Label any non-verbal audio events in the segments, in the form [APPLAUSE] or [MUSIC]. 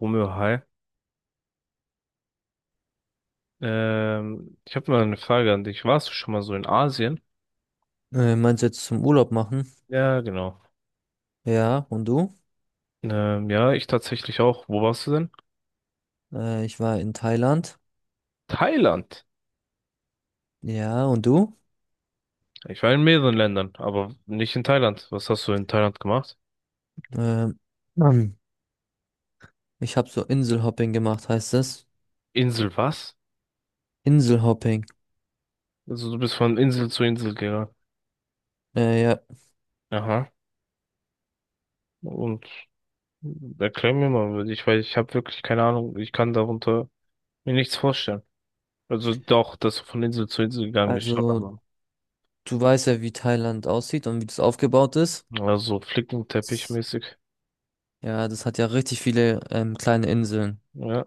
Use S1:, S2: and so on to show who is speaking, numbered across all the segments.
S1: Romeo, hi. Ich habe mal eine Frage an dich. Warst du schon mal so in Asien?
S2: Meinst du jetzt zum Urlaub machen?
S1: Ja, genau.
S2: Ja, und du?
S1: Ja, ich tatsächlich auch. Wo warst du denn?
S2: Ich war in Thailand.
S1: Thailand.
S2: Ja, und du?
S1: Ich war in mehreren Ländern, aber nicht in Thailand. Was hast du in Thailand gemacht?
S2: Ähm, ähm, Ich habe so Inselhopping gemacht, heißt das?
S1: Insel was?
S2: Inselhopping.
S1: Also du bist von Insel zu Insel gegangen.
S2: Ja,
S1: Aha. Und erklär mir mal, weil ich habe wirklich keine Ahnung. Ich kann darunter mir nichts vorstellen. Also doch, dass du von Insel zu Insel gegangen bist, schon,
S2: also
S1: aber
S2: du weißt ja, wie Thailand aussieht und wie das aufgebaut ist.
S1: also
S2: S-
S1: flickenteppich-mäßig.
S2: Ja, das hat ja richtig viele kleine Inseln.
S1: Ja,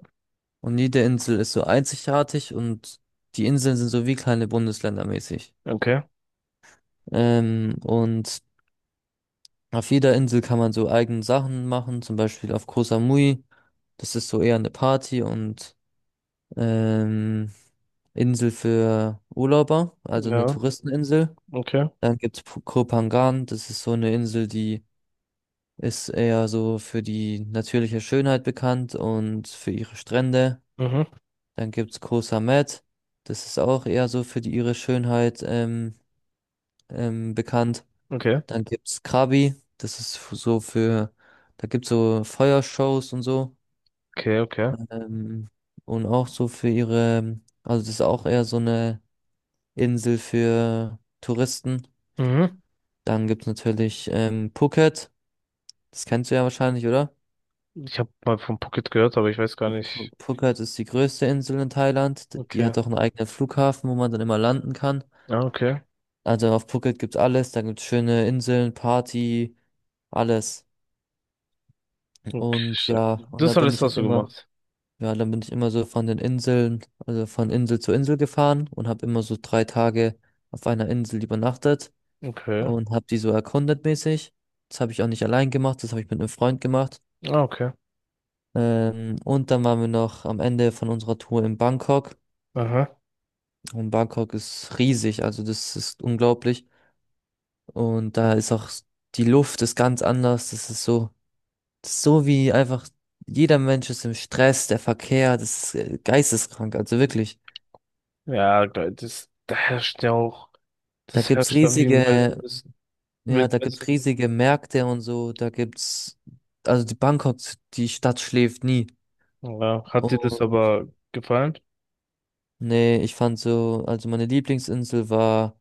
S2: Und jede Insel ist so einzigartig und die Inseln sind so wie kleine Bundesländer mäßig.
S1: okay.
S2: Und auf jeder Insel kann man so eigene Sachen machen, zum Beispiel auf Koh Samui. Das ist so eher eine Party und ähm, Insel für Urlauber, also eine
S1: Ja.
S2: Touristeninsel.
S1: Okay.
S2: Dann gibt es Koh Phangan, das ist so eine Insel, die ist eher so für die natürliche Schönheit bekannt und für ihre Strände.
S1: Mhm.
S2: Dann gibt es Koh Samet, das ist auch eher so für die, ihre Schönheit bekannt.
S1: Okay.
S2: Dann gibt es Krabi, das ist f- so für, da gibt es so Feuershows und so.
S1: Okay, okay.
S2: Ähm, und auch so für ihre, also das ist auch eher so eine Insel für Touristen.
S1: Mhm.
S2: Dann gibt es natürlich Phuket, das kennst du ja wahrscheinlich, oder?
S1: Ich habe mal von Pocket gehört, aber ich weiß gar nicht.
S2: Phuket ist die größte Insel in Thailand. Die
S1: Okay.
S2: hat auch einen eigenen Flughafen, wo man dann immer landen kann.
S1: Ah, okay.
S2: Also auf Phuket gibt's alles, da gibt's schöne Inseln, Party, alles.
S1: Okay.
S2: Und
S1: Stark.
S2: ja, und da
S1: Das
S2: bin
S1: alles
S2: ich halt
S1: hast du
S2: immer,
S1: gemacht.
S2: ja, dann bin ich immer so von den Inseln, also von Insel zu Insel gefahren und habe immer so 3 Tage auf einer Insel übernachtet.
S1: Okay.
S2: Und habe die so erkundet mäßig. Das habe ich auch nicht allein gemacht, das habe ich mit einem Freund gemacht.
S1: Ah, okay.
S2: Und dann waren wir noch am Ende von unserer Tour in Bangkok.
S1: Aha.
S2: Und Bangkok ist riesig, also das ist unglaublich. Und da ist auch s- Die Luft ist ganz anders. Das ist so wie einfach jeder Mensch ist im Stress, der Verkehr, das ist geisteskrank, also wirklich.
S1: Ja, geil. Das, da herrscht ja auch,
S2: Da
S1: das
S2: gibt's
S1: herrscht da wie im
S2: riesige,
S1: Wildnis.
S2: ja, da gibt's
S1: Wildnissen.
S2: riesige Märkte und so. Also die Bangkok, die Stadt schläft nie.
S1: Ja. Hat dir das
S2: Und
S1: aber gefallen?
S2: Nee, ich fand so, also meine Lieblingsinsel war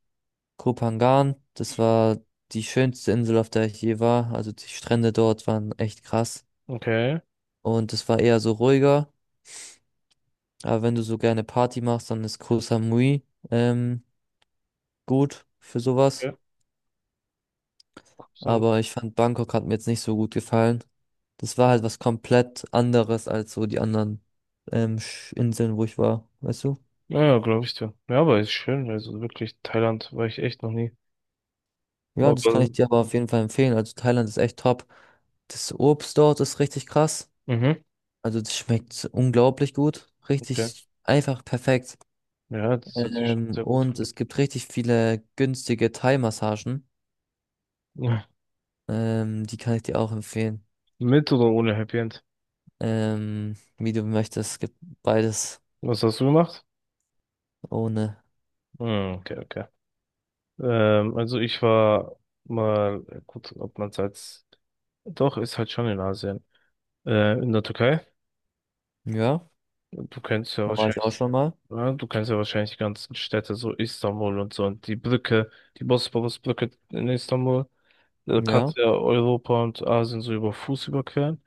S2: Koh Phangan. Das war die schönste Insel, auf der ich je war. Also die Strände dort waren echt krass.
S1: Okay.
S2: Und es war eher so ruhiger. Aber wenn du so gerne Party machst, dann ist Koh Samui ähm, gut für sowas.
S1: Ja, so.
S2: Aber ich fand Bangkok hat mir jetzt nicht so gut gefallen. Das war halt was komplett anderes als so die anderen Inseln, wo ich war, weißt du?
S1: Ja, glaube ich dir. Ja, aber ist schön. Also wirklich, Thailand war ich echt noch nie.
S2: Ja, das kann
S1: Aber,
S2: ich dir aber auf jeden Fall empfehlen. Also Thailand ist echt top. Das Obst dort ist richtig krass.
S1: mhm.
S2: Also das schmeckt unglaublich gut.
S1: Okay.
S2: Richtig einfach perfekt.
S1: Ja, das hört sich schon sehr gut
S2: Und
S1: an.
S2: es gibt richtig viele günstige Thai-Massagen.
S1: [LAUGHS]
S2: Die kann ich dir auch empfehlen.
S1: Mit oder ohne Happy End?
S2: Wie du möchtest. Es gibt beides
S1: Was hast du gemacht?
S2: ohne.
S1: Hm, okay, okay. Also ich war mal, gut, ob man es als, doch, ist halt schon in Asien. In der Türkei.
S2: Ja,
S1: Du kennst ja
S2: da war ich auch
S1: wahrscheinlich,
S2: schon mal.
S1: ja, du kennst ja wahrscheinlich die ganzen Städte, so Istanbul und so, und die Brücke, die Bosporusbrücke in Istanbul. Da
S2: Ja,
S1: kannst du ja Europa und Asien so über Fuß überqueren.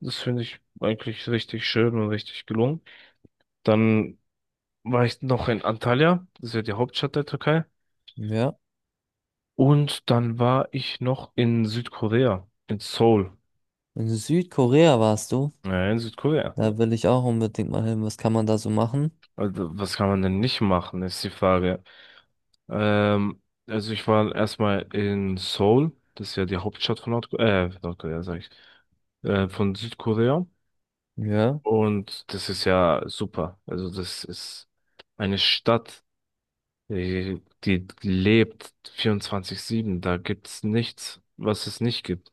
S1: Das finde ich eigentlich richtig schön und richtig gelungen. Dann war ich noch in Antalya, das ist ja die Hauptstadt der Türkei.
S2: ja.
S1: Und dann war ich noch in Südkorea, in Seoul.
S2: In Südkorea warst du.
S1: Ja, in Südkorea.
S2: Da will ich auch unbedingt mal hin. Was kann man da so machen?
S1: Also, was kann man denn nicht machen, ist die Frage. Ähm, also ich war erstmal in Seoul, das ist ja die Hauptstadt von Nordkorea, Nordkorea, sag ich, von Südkorea.
S2: Ja.
S1: Und das ist ja super. Also das ist eine Stadt, die, die lebt 24/7. Da gibt's nichts, was es nicht gibt.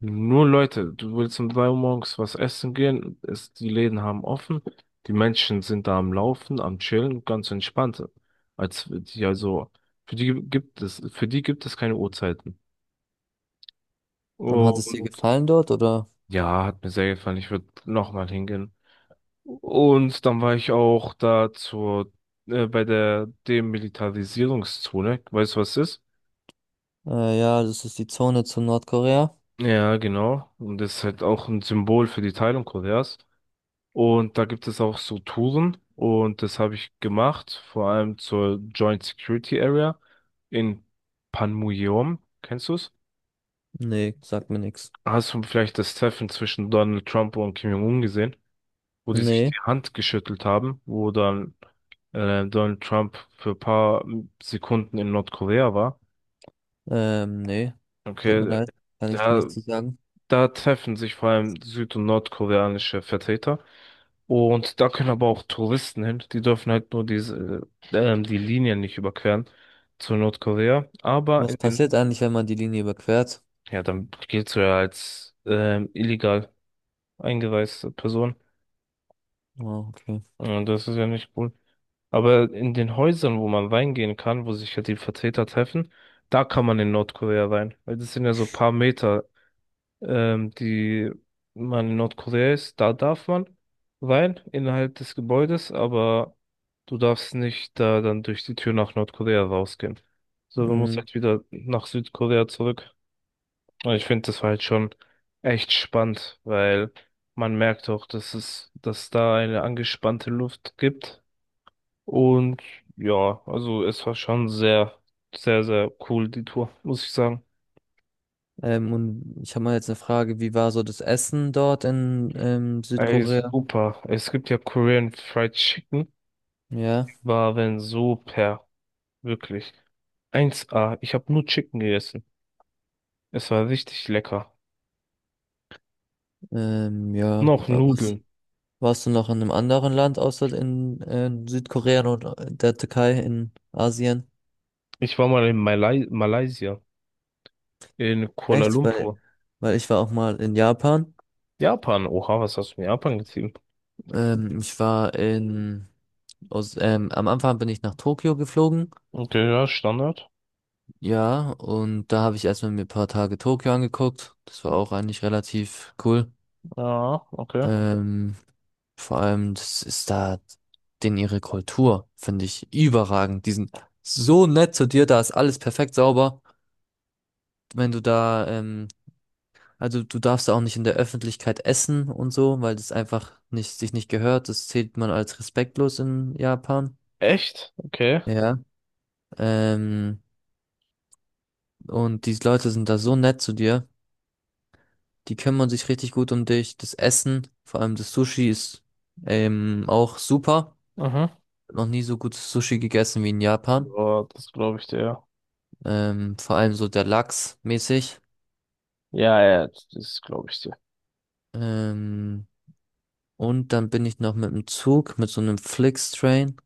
S1: Nur Leute, du willst um 3 Uhr morgens was essen gehen, es, die Läden haben offen, die Menschen sind da am Laufen, am Chillen, ganz entspannt. Als die, also, für die gibt es keine Uhrzeiten.
S2: Und hat es dir
S1: Und
S2: gefallen dort oder?
S1: ja, hat mir sehr gefallen, ich würde nochmal hingehen. Und dann war ich auch da bei der Demilitarisierungszone, weißt du, was das ist?
S2: Ja, das ist die Zone zu Nordkorea.
S1: Ja, genau. Und das ist halt auch ein Symbol für die Teilung Koreas. Und da gibt es auch so Touren und das habe ich gemacht, vor allem zur Joint Security Area in Panmunjom. Kennst du es?
S2: Nee, sagt mir nichts.
S1: Hast du vielleicht das Treffen zwischen Donald Trump und Kim Jong-un gesehen, wo die sich die
S2: Nee,
S1: Hand geschüttelt haben, wo dann Donald Trump für ein paar Sekunden in Nordkorea war?
S2: nee. Tut mir
S1: Okay,
S2: leid, kann ich dir
S1: da
S2: nichts zu sagen.
S1: Da treffen sich vor allem süd- und nordkoreanische Vertreter. Und da können aber auch Touristen hin. Die dürfen halt nur diese, die Linien nicht überqueren zu Nordkorea. Aber
S2: Was
S1: in den,
S2: passiert eigentlich, wenn man die Linie überquert?
S1: ja, dann giltst du ja als illegal eingereiste Person.
S2: Oh, okay.
S1: Und das ist ja nicht cool. Aber in den Häusern, wo man reingehen kann, wo sich halt die Vertreter treffen, da kann man in Nordkorea rein. Weil das sind ja so paar Meter die man in Nordkorea ist, da darf man rein innerhalb des Gebäudes, aber du darfst nicht da dann durch die Tür nach Nordkorea rausgehen. So, du musst
S2: Mm,
S1: halt wieder nach Südkorea zurück. Und ich finde, das war halt schon echt spannend, weil man merkt auch, dass es, dass da eine angespannte Luft gibt. Und ja, also es war schon sehr, sehr, sehr cool, die Tour, muss ich sagen.
S2: und ich habe mal jetzt eine Frage, wie war so das Essen dort in
S1: Ey,
S2: Südkorea?
S1: super. Es gibt ja Korean Fried Chicken.
S2: Ja,
S1: Waren super, wirklich. Eins a, ich habe nur Chicken gegessen. Es war richtig lecker. Und
S2: ja.
S1: auch
S2: Was,
S1: Nudeln.
S2: warst du noch in einem anderen Land außer in Südkorea und der Türkei in Asien?
S1: Ich war mal in Malai Malaysia, in Kuala
S2: Echt?
S1: Lumpur.
S2: Weil ich war auch mal in Japan.
S1: Japan. Oha, was hast du in Japan gezogen?
S2: Ich war in, aus, Am Anfang bin ich nach Tokio geflogen,
S1: Okay, ja, Standard.
S2: ja, und da habe ich erstmal mir ein paar Tage Tokio angeguckt. Das war auch eigentlich relativ cool.
S1: Ja, okay.
S2: Ähm, vor allem, das ist da, Denn ihre Kultur finde ich überragend. Die sind so nett zu dir, da ist alles perfekt sauber. Wenn du da, Also du darfst da auch nicht in der Öffentlichkeit essen und so, weil das einfach nicht, sich nicht gehört. Das zählt man als respektlos in Japan.
S1: Echt? Okay.
S2: Ja. Ähm, und die Leute sind da so nett zu dir. Die kümmern sich richtig gut um dich. Das Essen, vor allem das Sushi, ist auch super.
S1: Mhm.
S2: Noch nie so gutes Sushi gegessen wie in Japan.
S1: Ja, das glaube ich dir.
S2: Vor allem so der Lachs mäßig.
S1: Ja, ja, ja, das glaube ich dir.
S2: Ähm, und dann bin ich noch mit dem Zug, mit so einem Flixtrain,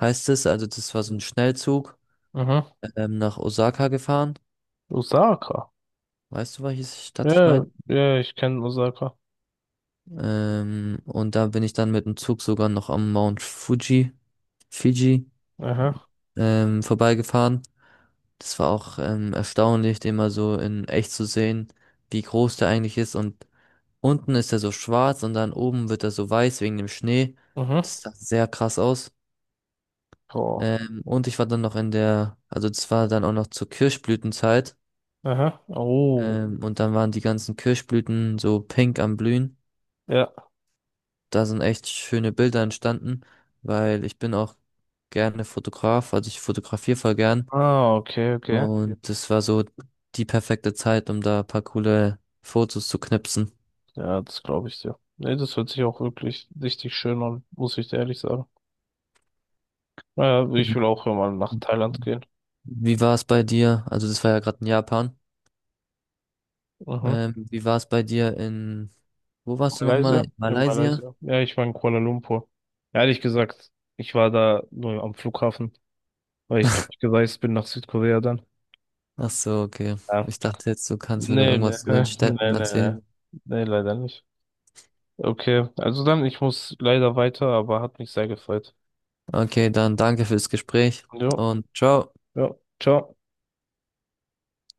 S2: heißt es. Also das war so ein Schnellzug,
S1: Mhm.
S2: nach Osaka gefahren.
S1: Osaka.
S2: Weißt du, welche Stadt ich
S1: Ja,
S2: meine?
S1: ja, ich kenne Osaka.
S2: Und da bin ich dann mit dem Zug sogar noch am Mount Fuji, Fiji
S1: Aha,
S2: vorbeigefahren. Das war auch erstaunlich, den mal so in echt zu sehen, wie groß der eigentlich ist. Und unten ist er so schwarz und dann oben wird er so weiß wegen dem Schnee.
S1: mhm.
S2: Das sah sehr krass aus.
S1: Oh.
S2: Und ich war dann noch in der, also das war dann auch noch zur Kirschblütenzeit.
S1: Aha. Oh.
S2: Und dann waren die ganzen Kirschblüten so pink am Blühen.
S1: Ja.
S2: Da sind echt schöne Bilder entstanden, weil ich bin auch gerne Fotograf, also ich fotografiere voll gern.
S1: Ah, okay, okay.
S2: Und das war so die perfekte Zeit, um da ein paar coole Fotos zu knipsen.
S1: Ja, das glaube ich dir. Nee, das hört sich auch wirklich richtig schön an, muss ich dir ehrlich sagen. Naja, ich
S2: Ja.
S1: will auch mal nach Thailand gehen.
S2: Wie war es bei dir? Also das war ja gerade in Japan.
S1: Mhm.
S2: Wie war es bei dir in, Wo warst du nochmal?
S1: Malaysia?
S2: In
S1: In
S2: Malaysia?
S1: Malaysia. Ja, ich war in Kuala Lumpur. Ehrlich gesagt, ich war da nur am Flughafen, weil ich durchgereist bin nach Südkorea dann.
S2: Ach so, okay.
S1: Ja.
S2: Ich dachte jetzt, du kannst mir da
S1: Nee, nee,
S2: irgendwas
S1: [LAUGHS]
S2: zu den Städten
S1: nee, nee, nee.
S2: erzählen.
S1: Nee, leider nicht. Okay, also dann, ich muss leider weiter, aber hat mich sehr gefreut.
S2: Okay, dann danke fürs Gespräch
S1: Jo,
S2: und ciao.
S1: ja, ciao.